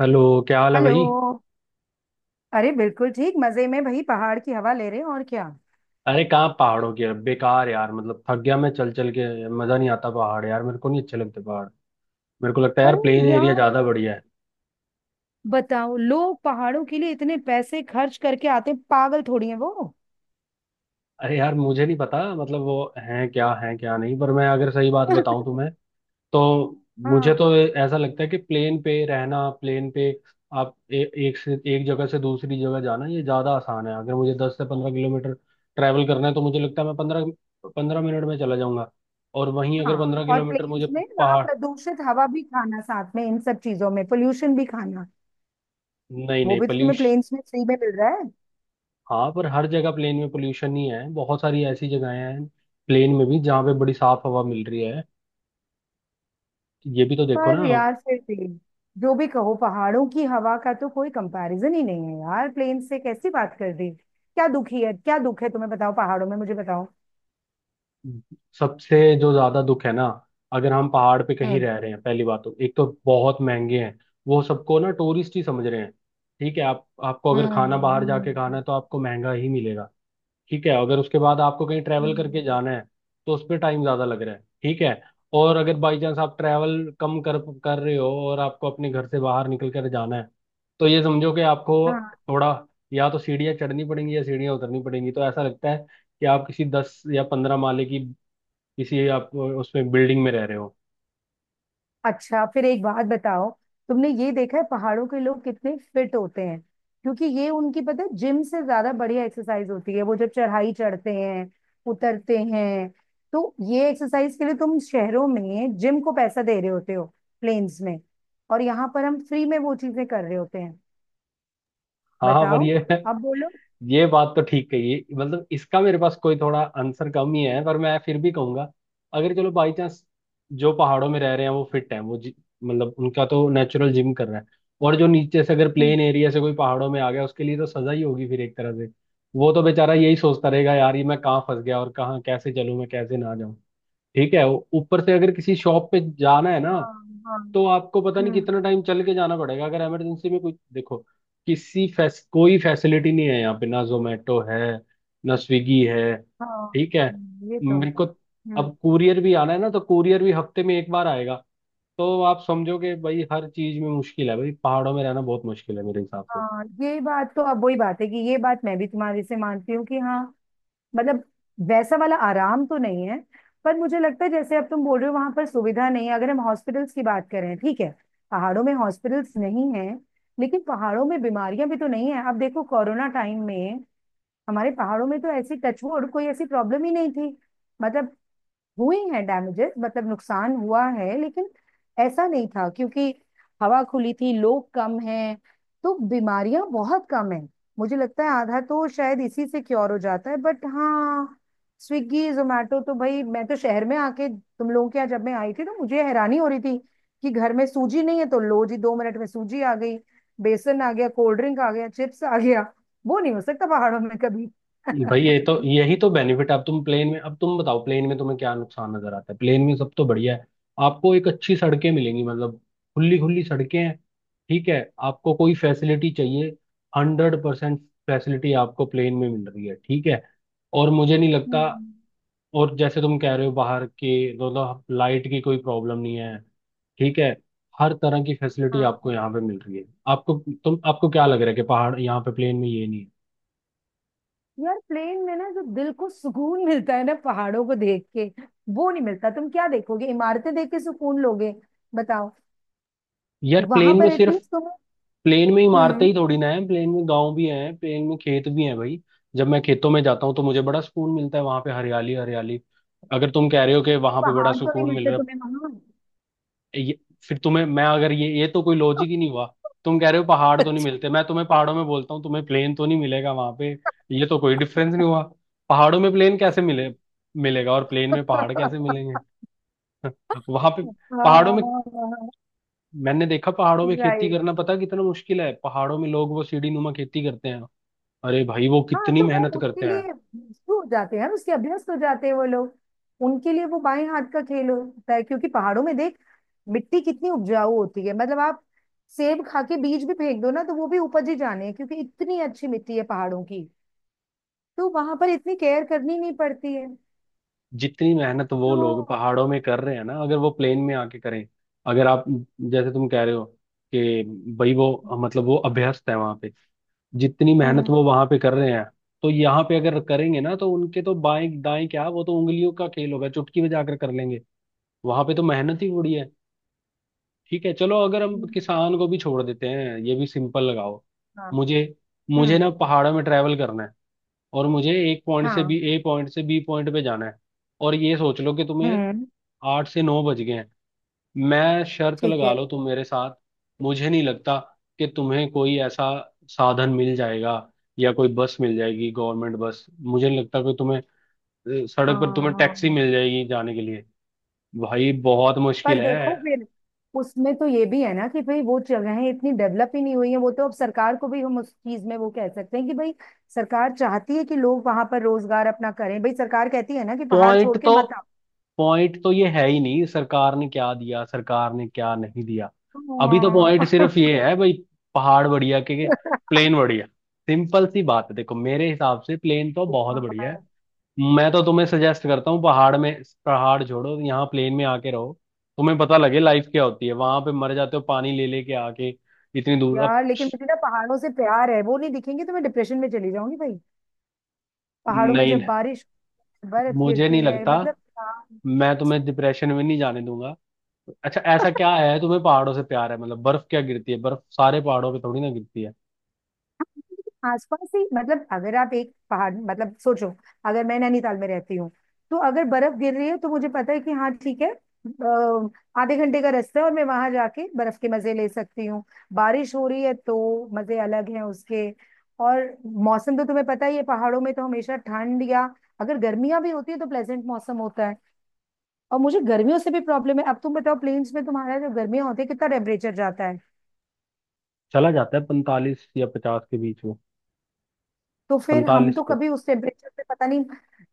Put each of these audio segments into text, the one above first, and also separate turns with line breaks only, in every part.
Hello. क्या हाल है
हेलो।
भाई?
अरे बिल्कुल ठीक, मजे में भाई। पहाड़ की हवा ले रहे हैं, और क्या।
अरे कहाँ, पहाड़ों की बेकार यार, मतलब थक गया मैं चल चल के। मजा नहीं आता पहाड़ यार, मेरे को नहीं अच्छे लगते पहाड़। मेरे को लगता है यार
अरे
प्लेन एरिया
यार,
ज्यादा बढ़िया है।
बताओ लोग पहाड़ों के लिए इतने पैसे खर्च करके आते हैं, पागल थोड़ी है वो।
अरे यार, मुझे नहीं पता, मतलब वो है क्या नहीं, पर मैं अगर सही बात बताऊं तुम्हें तो मुझे
हाँ।
तो ऐसा लगता है कि प्लेन पे रहना, प्लेन पे आप एक से एक जगह से दूसरी जगह जाना ये ज्यादा आसान है। अगर मुझे 10 से 15 किलोमीटर ट्रैवल करना है तो मुझे लगता है मैं पंद्रह पंद्रह मिनट में चला जाऊंगा। और वहीं
हाँ,
अगर पंद्रह
और
किलोमीटर
प्लेन्स
मुझे
में वहां
पहाड़,
प्रदूषित हवा भी खाना, साथ में इन सब चीजों में पोल्यूशन भी खाना।
नहीं
वो
नहीं,
भी तो तुम्हें
पोल्यूशन।
प्लेन्स में फ्री में मिल रहा है।
हाँ पर हर जगह प्लेन में पोल्यूशन ही है, बहुत सारी ऐसी जगहें हैं प्लेन में भी जहाँ पे बड़ी साफ हवा मिल रही है। ये भी तो देखो ना।
पर यार, फिर भी जो भी कहो, पहाड़ों की हवा का तो कोई कंपैरिजन ही नहीं है यार। प्लेन से कैसी बात कर दी? क्या दुखी है, क्या दुख है तुम्हें, बताओ पहाड़ों में, मुझे बताओ।
सबसे जो ज्यादा दुख है ना, अगर हम पहाड़ पे कहीं
हम्म।
रह रहे हैं, पहली बात तो एक तो बहुत महंगे हैं। वो सबको ना टूरिस्ट ही समझ रहे हैं। ठीक है, आप आपको अगर
हम्म।
खाना बाहर जाके खाना है
हम्म।
तो आपको महंगा ही मिलेगा। ठीक है, अगर उसके बाद आपको कहीं ट्रैवल करके
हम्म।
जाना है तो उस पर टाइम ज़्यादा लग रहा है। ठीक है। और अगर बाई चांस आप ट्रैवल कम कर कर रहे हो और आपको अपने घर से बाहर निकल कर जाना है तो ये समझो कि आपको
हाँ।
थोड़ा या तो सीढ़ियाँ चढ़नी पड़ेंगी या सीढ़ियाँ उतरनी पड़ेंगी। तो ऐसा लगता है कि आप किसी 10 या 15 माले की किसी, आप उसमें बिल्डिंग में रह रहे हो।
अच्छा, फिर एक बात बताओ। तुमने ये देखा है पहाड़ों के लोग कितने फिट होते हैं। क्योंकि ये उनकी, पता है, जिम से ज्यादा बढ़िया एक्सरसाइज होती है। वो जब चढ़ाई चढ़ते हैं, उतरते हैं। तो ये एक्सरसाइज के लिए तुम शहरों में जिम को पैसा दे रहे होते हो, प्लेन्स में, और यहाँ पर हम फ्री में वो चीजें कर रहे होते हैं।
हाँ हाँ, पर
बताओ,
ये
अब बोलो।
ये बात तो ठीक कही है। मतलब इसका मेरे पास कोई थोड़ा आंसर कम ही है, पर मैं फिर भी कहूंगा, अगर चलो बाई चांस जो पहाड़ों में रह रहे हैं वो फिट हैं, वो मतलब उनका तो नेचुरल जिम कर रहा है। और जो नीचे से अगर
हम्म।
प्लेन एरिया से कोई पहाड़ों में आ गया, उसके लिए तो सजा ही होगी फिर एक तरह से। वो तो बेचारा यही सोचता रहेगा, यार ये मैं कहाँ फंस गया, और कहाँ कैसे चलूं मैं, कैसे ना जाऊं। ठीक है। ऊपर से अगर किसी शॉप पे जाना है ना,
हाँ। हाँ।
तो आपको पता नहीं
हम्म।
कितना टाइम चल के जाना पड़ेगा। अगर इमरजेंसी में कोई, देखो, कोई फैसिलिटी नहीं है यहाँ पे, ना जोमेटो है, ना स्विगी है।
हाँ।
ठीक है।
ये तो
मेरे
है।
को, अब कुरियर भी आना है ना, तो कुरियर भी हफ्ते में एक बार आएगा। तो आप समझो कि भाई हर चीज में मुश्किल है, भाई पहाड़ों में रहना बहुत मुश्किल है मेरे हिसाब से।
हाँ, ये बात तो अब वही बात है कि ये बात मैं भी तुम्हारी से मानती हूँ कि हाँ। मतलब, वैसा वाला आराम तो नहीं है। पर मुझे लगता है, जैसे अब तुम बोल रहे हो, वहां पर सुविधा नहीं है। अगर हम हॉस्पिटल्स की बात करें, ठीक है। पहाड़ों में हॉस्पिटल्स नहीं है, लेकिन पहाड़ों में बीमारियां भी तो नहीं है। अब देखो, कोरोना टाइम में हमारे पहाड़ों में तो ऐसी, टचवुड, कोई ऐसी प्रॉब्लम ही नहीं थी। मतलब, हुए हैं डैमेजेस, मतलब नुकसान हुआ है, लेकिन ऐसा नहीं था क्योंकि हवा खुली थी, लोग कम हैं, तो बीमारियां बहुत कम हैं। मुझे लगता है आधा तो शायद इसी से क्योर हो जाता है, बट हाँ। स्विगी जोमेटो तो भाई, मैं तो शहर में आके तुम लोगों के यहाँ जब मैं आई थी तो मुझे हैरानी हो रही थी कि घर में सूजी नहीं है, तो लो जी, 2 मिनट में सूजी आ गई, बेसन आ गया, कोल्ड ड्रिंक आ गया, चिप्स आ गया। वो नहीं हो सकता पहाड़ों में कभी।
भाई ये तो, यही तो बेनिफिट है। अब तुम प्लेन में, अब तुम बताओ प्लेन में तुम्हें क्या नुकसान नजर आता है? प्लेन में सब तो बढ़िया है। आपको एक अच्छी सड़कें मिलेंगी, मतलब खुली खुली सड़कें हैं। ठीक है। आपको कोई फैसिलिटी चाहिए, हंड्रेड परसेंट फैसिलिटी आपको प्लेन में मिल रही है। ठीक है। और मुझे नहीं लगता,
हम्म।
और जैसे तुम कह रहे हो बाहर के, मतलब लाइट की कोई प्रॉब्लम नहीं है। ठीक है। हर तरह की फैसिलिटी
हाँ
आपको यहाँ पे मिल रही है आपको। तुम आपको क्या लग रहा है कि पहाड़, यहाँ पे प्लेन में ये नहीं
यार, प्लेन में ना जो दिल को सुकून मिलता है ना पहाड़ों को देख के, वो नहीं मिलता। तुम क्या देखोगे, इमारतें देख के सुकून लोगे, बताओ।
है यार।
वहां
प्लेन में
पर
सिर्फ
एटलीस्ट तुम्हें।
प्लेन में ही मारते ही
हम्म।
थोड़ी ना है, प्लेन में गांव भी है, प्लेन में खेत भी है भाई। जब मैं खेतों में जाता हूँ तो मुझे बड़ा सुकून मिलता है, वहां पे हरियाली हरियाली। अगर तुम कह रहे हो कि वहां पे बड़ा
पहाड़ तो नहीं
सुकून मिल
मिलते
रहा
तुम्हें वहां।
है ये, फिर तुम्हें मैं अगर ये ये तो कोई लॉजिक ही नहीं हुआ। तुम कह रहे हो पहाड़ तो नहीं
अच्छा।
मिलते, मैं तुम्हें पहाड़ों में बोलता हूँ, तुम्हें प्लेन तो नहीं मिलेगा वहां पे। ये तो कोई डिफरेंस नहीं हुआ। पहाड़ों में प्लेन कैसे मिले, मिलेगा, और प्लेन में पहाड़ कैसे मिलेंगे वहां पे? पहाड़ों में
हाँ।
मैंने देखा, पहाड़ों में खेती
राइट।
करना पता कितना मुश्किल है। पहाड़ों में लोग वो सीढ़ी नुमा खेती करते हैं। अरे भाई, वो
हाँ,
कितनी
तो वो
मेहनत
उसके
करते हैं।
लिए शुरू हो जाते हैं, उसके अभ्यस्त हो जाते हैं वो लोग। उनके लिए वो बाएं हाथ का खेल होता है, क्योंकि पहाड़ों में देख मिट्टी कितनी उपजाऊ होती है। मतलब, आप सेब खा के बीज भी फेंक दो ना तो वो भी उपज ही जाने हैं, क्योंकि इतनी अच्छी मिट्टी है पहाड़ों की। तो वहां पर इतनी केयर करनी नहीं पड़ती है।
जितनी मेहनत वो लोग
तो
पहाड़ों में कर रहे हैं ना, अगर वो प्लेन में आके करें। अगर आप, जैसे तुम कह रहे हो कि भाई वो, मतलब वो अभ्यस्त है वहां पे, जितनी मेहनत
हम्म।
वो वहां पे कर रहे हैं तो यहाँ पे अगर करेंगे ना, तो उनके तो बाएं दाएं क्या, वो तो उंगलियों का खेल होगा, चुटकी बजाकर कर लेंगे। वहां पे तो मेहनत ही बड़ी है। ठीक है, चलो, अगर हम
हम्म।
किसान को भी छोड़ देते हैं, ये भी सिंपल लगाओ।
हाँ।
मुझे मुझे
हम्म।
ना पहाड़ों में ट्रैवल करना है, और मुझे एक पॉइंट से
हाँ।
बी ए पॉइंट से बी पॉइंट पे जाना है, और ये सोच लो कि तुम्हें
हम्म।
8 से 9 बज गए हैं। मैं शर्त
ठीक
लगा
है।
लो तुम मेरे साथ, मुझे नहीं लगता कि तुम्हें कोई ऐसा साधन मिल जाएगा, या कोई बस मिल जाएगी, गवर्नमेंट बस। मुझे नहीं लगता कि तुम्हें सड़क पर
हाँ।
तुम्हें
हाँ।
टैक्सी
हाँ।
मिल जाएगी जाने के लिए। भाई बहुत
पर
मुश्किल है।
देखो फिर, उसमें तो ये भी है ना कि भाई वो जगहें इतनी डेवलप ही नहीं हुई हैं। वो तो अब सरकार को भी हम उस चीज में वो कह सकते हैं कि भाई, सरकार चाहती है कि लोग वहां पर रोजगार अपना करें, भाई सरकार कहती है ना कि पहाड़
पॉइंट
छोड़ के
तो
मत आओ।
पॉइंट तो ये है ही नहीं, सरकार ने क्या दिया सरकार ने क्या नहीं दिया। अभी तो पॉइंट
हाँ।
सिर्फ ये है भाई, पहाड़ बढ़िया के प्लेन बढ़िया। सिंपल सी बात है, देखो मेरे हिसाब से प्लेन तो बहुत बढ़िया है।
यार।
मैं तो तुम्हें सजेस्ट करता हूँ, पहाड़ में, पहाड़ छोड़ो, यहाँ प्लेन में आके रहो, तुम्हें पता लगे लाइफ क्या होती है। वहां पे मर जाते हो पानी ले लेके आके इतनी दूर अब।
यार, लेकिन मुझे ना पहाड़ों से प्यार है, वो नहीं दिखेंगे तो मैं डिप्रेशन में चली जाऊंगी भाई। पहाड़ों में
नहीं,
जब बारिश, बर्फ
मुझे नहीं
गिरती है,
लगता,
मतलब, हाँ।
मैं तुम्हें डिप्रेशन में नहीं जाने दूंगा। अच्छा ऐसा क्या है तुम्हें पहाड़ों से प्यार है? मतलब बर्फ क्या गिरती है, बर्फ सारे पहाड़ों पे थोड़ी ना गिरती है।
आसपास ही, मतलब अगर आप एक पहाड़, मतलब सोचो, अगर मैं नैनीताल में रहती हूँ, तो अगर बर्फ गिर रही है तो मुझे पता है कि हाँ ठीक है, आधे घंटे का रास्ता है और मैं वहां जाके बर्फ के मजे ले सकती हूँ। बारिश हो रही है तो मजे अलग हैं उसके। और मौसम तो तुम्हें पता ही है, पहाड़ों में तो हमेशा ठंड, या अगर गर्मियां भी होती है तो प्लेजेंट मौसम होता है। और मुझे गर्मियों से भी प्रॉब्लम है। अब तुम बताओ, प्लेन्स में तुम्हारा जो गर्मियां होती है, कितना टेम्परेचर जाता है।
चला जाता है 45 या 50 के बीच में।
तो फिर हम
45
तो
पे।
कभी उस टेम्परेचर पे, पता नहीं।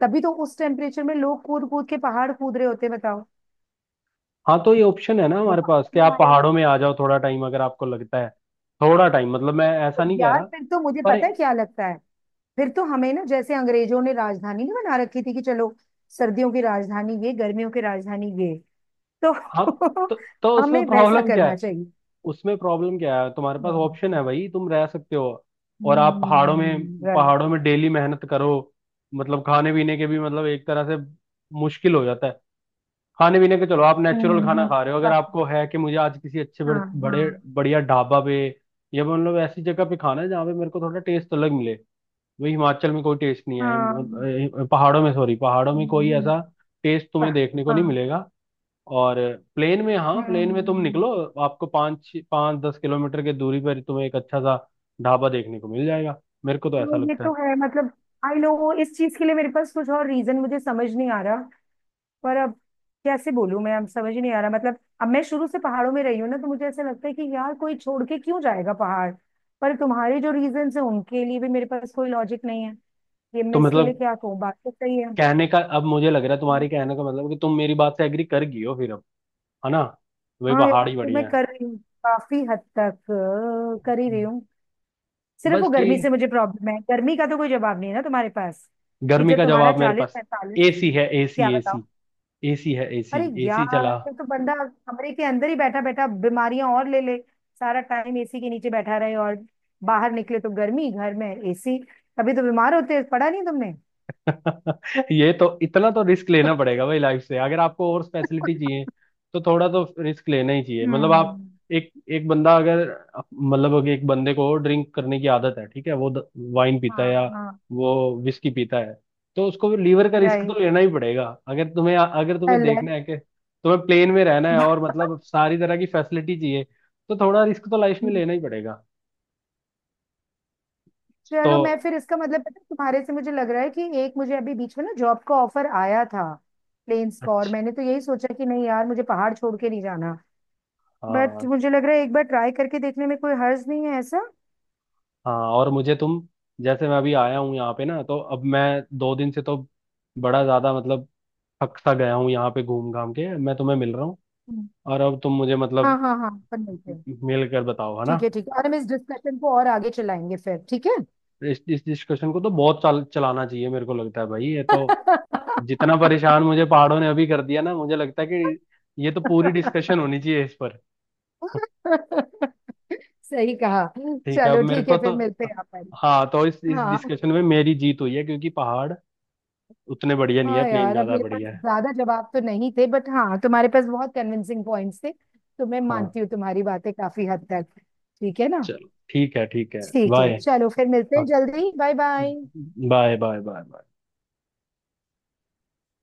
तभी तो उस टेम्परेचर में लोग कूद कूद के पहाड़ कूद रहे होते हैं, बताओ।
हाँ तो ये ऑप्शन है ना
वो
हमारे पास
पहाड़
कि
नहीं
आप
आ रहे होते
पहाड़ों में आ जाओ थोड़ा टाइम, अगर आपको लगता है। थोड़ा टाइम, मतलब मैं ऐसा
हैं।
नहीं कह
यार,
रहा,
फिर तो मुझे
पर
पता है क्या लगता है। फिर तो हमें ना, जैसे अंग्रेजों ने राजधानी नहीं बना रखी थी कि चलो, सर्दियों की राजधानी ये, गर्मियों की राजधानी ये, तो
हाँ। तो, तो उसमें
हमें वैसा
प्रॉब्लम क्या
करना
है,
चाहिए।
उसमें प्रॉब्लम क्या है? तुम्हारे पास ऑप्शन है भाई, तुम रह सकते हो। और आप पहाड़ों में,
हम्म। राइट।
पहाड़ों में डेली मेहनत करो, मतलब खाने पीने के भी, मतलब एक तरह से मुश्किल हो जाता है। खाने पीने के, चलो आप
हम्म।
Natural
Right. हम्म।
खाना
हम्म।
खा रहे हो। अगर
बस।
आपको है कि मुझे आज किसी अच्छे बड़े
हाँ। हाँ।
बड़े बढ़िया ढाबा पे या मतलब ऐसी जगह पे खाना है जहाँ पे मेरे को थोड़ा टेस्ट अलग मिले, वही हिमाचल में कोई टेस्ट नहीं है,
हाँ।
पहाड़ों में, सॉरी, पहाड़ों में कोई
हम्म।
ऐसा टेस्ट तुम्हें
हाँ।
देखने को नहीं मिलेगा। और प्लेन में, हाँ प्लेन में तुम
हम्म।
निकलो, आपको पाँच पाँच 10 किलोमीटर के दूरी पर तुम्हें एक अच्छा सा ढाबा देखने को मिल जाएगा। मेरे को तो
हाँ,
ऐसा
ये
लगता है।
तो है। मतलब, आई नो, इस चीज के लिए मेरे पास कुछ और रीजन मुझे समझ नहीं आ रहा। पर अब कैसे बोलूं, मैं अब समझ ही नहीं आ रहा। मतलब अब मैं शुरू से पहाड़ों में रही हूँ ना, तो मुझे ऐसा लगता है कि यार, कोई छोड़ के क्यों जाएगा पहाड़। पर तुम्हारे जो रीजन है उनके लिए भी मेरे पास कोई लॉजिक नहीं है। ये
तो
मैं इसके लिए
मतलब
क्या कहूँ, बात तो सही है।
कहने का, अब मुझे लग रहा है तुम्हारी, कहने का मतलब कि तुम मेरी बात से एग्री कर गई हो फिर, है ना? तो भाई
हाँ यार,
पहाड़ ही
तो मैं
बढ़िया है।
कर रही हूँ काफी हद तक, कर ही रही
हम्म।
हूँ। सिर्फ वो
बस
गर्मी
ठीक।
से मुझे प्रॉब्लम है, गर्मी का तो कोई जवाब नहीं है ना तुम्हारे पास, कि
गर्मी
जब
का
तुम्हारा
जवाब मेरे
चालीस
पास
पैंतालीस
एसी है, एसी,
क्या?
एसी। एसी है एसी।
अरे
एसी
यार,
चला।
फिर तो बंदा कमरे के अंदर ही बैठा बैठा बीमारियां और ले ले। सारा टाइम एसी के नीचे बैठा रहे, और बाहर निकले तो गर्मी, घर में एसी, तभी तो बीमार होते हैं, पढ़ा नहीं तुमने?
ये तो इतना तो रिस्क लेना पड़ेगा भाई लाइफ से, अगर आपको और स्पेशलिटी चाहिए तो थोड़ा तो रिस्क लेना ही चाहिए। मतलब आप
हम्म।
एक एक बंदा अगर, मतलब अगर एक बंदे को ड्रिंक करने की आदत है ठीक है, वो वाइन पीता
हाँ।
है या
हाँ।
वो विस्की पीता है, तो उसको लीवर का रिस्क तो
राइट।
लेना ही पड़ेगा। अगर तुम्हें, अगर तुम्हें
हम्म।
देखना है कि तुम्हें प्लेन में रहना है और मतलब सारी तरह की फैसिलिटी चाहिए, तो थोड़ा रिस्क तो लाइफ में लेना ही पड़ेगा। तो
चलो, मैं फिर इसका मतलब, पता है, तुम्हारे से मुझे लग रहा है कि एक, मुझे अभी बीच में ना जॉब का ऑफर आया था, प्लेन्स का, और
अच्छा।
मैंने तो यही सोचा कि नहीं यार, मुझे पहाड़ छोड़ के नहीं जाना। बट
हाँ
मुझे लग रहा है एक बार ट्राई करके देखने में कोई हर्ज नहीं है, ऐसा।
हाँ। और मुझे तुम, जैसे मैं अभी आया हूँ यहाँ पे ना, तो अब मैं 2 दिन से तो बड़ा ज्यादा मतलब थक सा गया हूँ यहाँ पे घूम घाम के। मैं तुम्हें मिल रहा हूँ,
हम्म।
और अब तुम मुझे,
हाँ,
मतलब
हाँ, हाँ, अपन मिलते हैं।
मिल कर बताओ, है ना?
ठीक है, ठीक है, और हम इस डिस्कशन को और आगे चलाएंगे फिर, ठीक है।
इस डिस्कशन को तो बहुत चाल चलाना चाहिए मेरे को लगता है भाई। ये तो, जितना परेशान मुझे पहाड़ों ने अभी कर दिया ना, मुझे लगता है कि ये तो पूरी डिस्कशन होनी चाहिए इस पर।
सही कहा।
ठीक है, अब
चलो
मेरे
ठीक
को
है,
तो,
फिर मिलते हैं अपन।
हाँ। तो इस
हाँ।
डिस्कशन में मेरी जीत हुई है क्योंकि पहाड़ उतने बढ़िया नहीं है,
हाँ
प्लेन
यार, अब
ज्यादा
मेरे पास
बढ़िया है।
ज्यादा जवाब तो नहीं थे, बट हाँ, तुम्हारे पास बहुत कन्विंसिंग पॉइंट्स थे, तो मैं
हाँ,
मानती हूँ तुम्हारी बातें काफी हद तक। ठीक है ना?
चलो ठीक है ठीक है।
ठीक है,
बाय,
चलो फिर मिलते हैं जल्दी, bye bye.
Bye bye bye.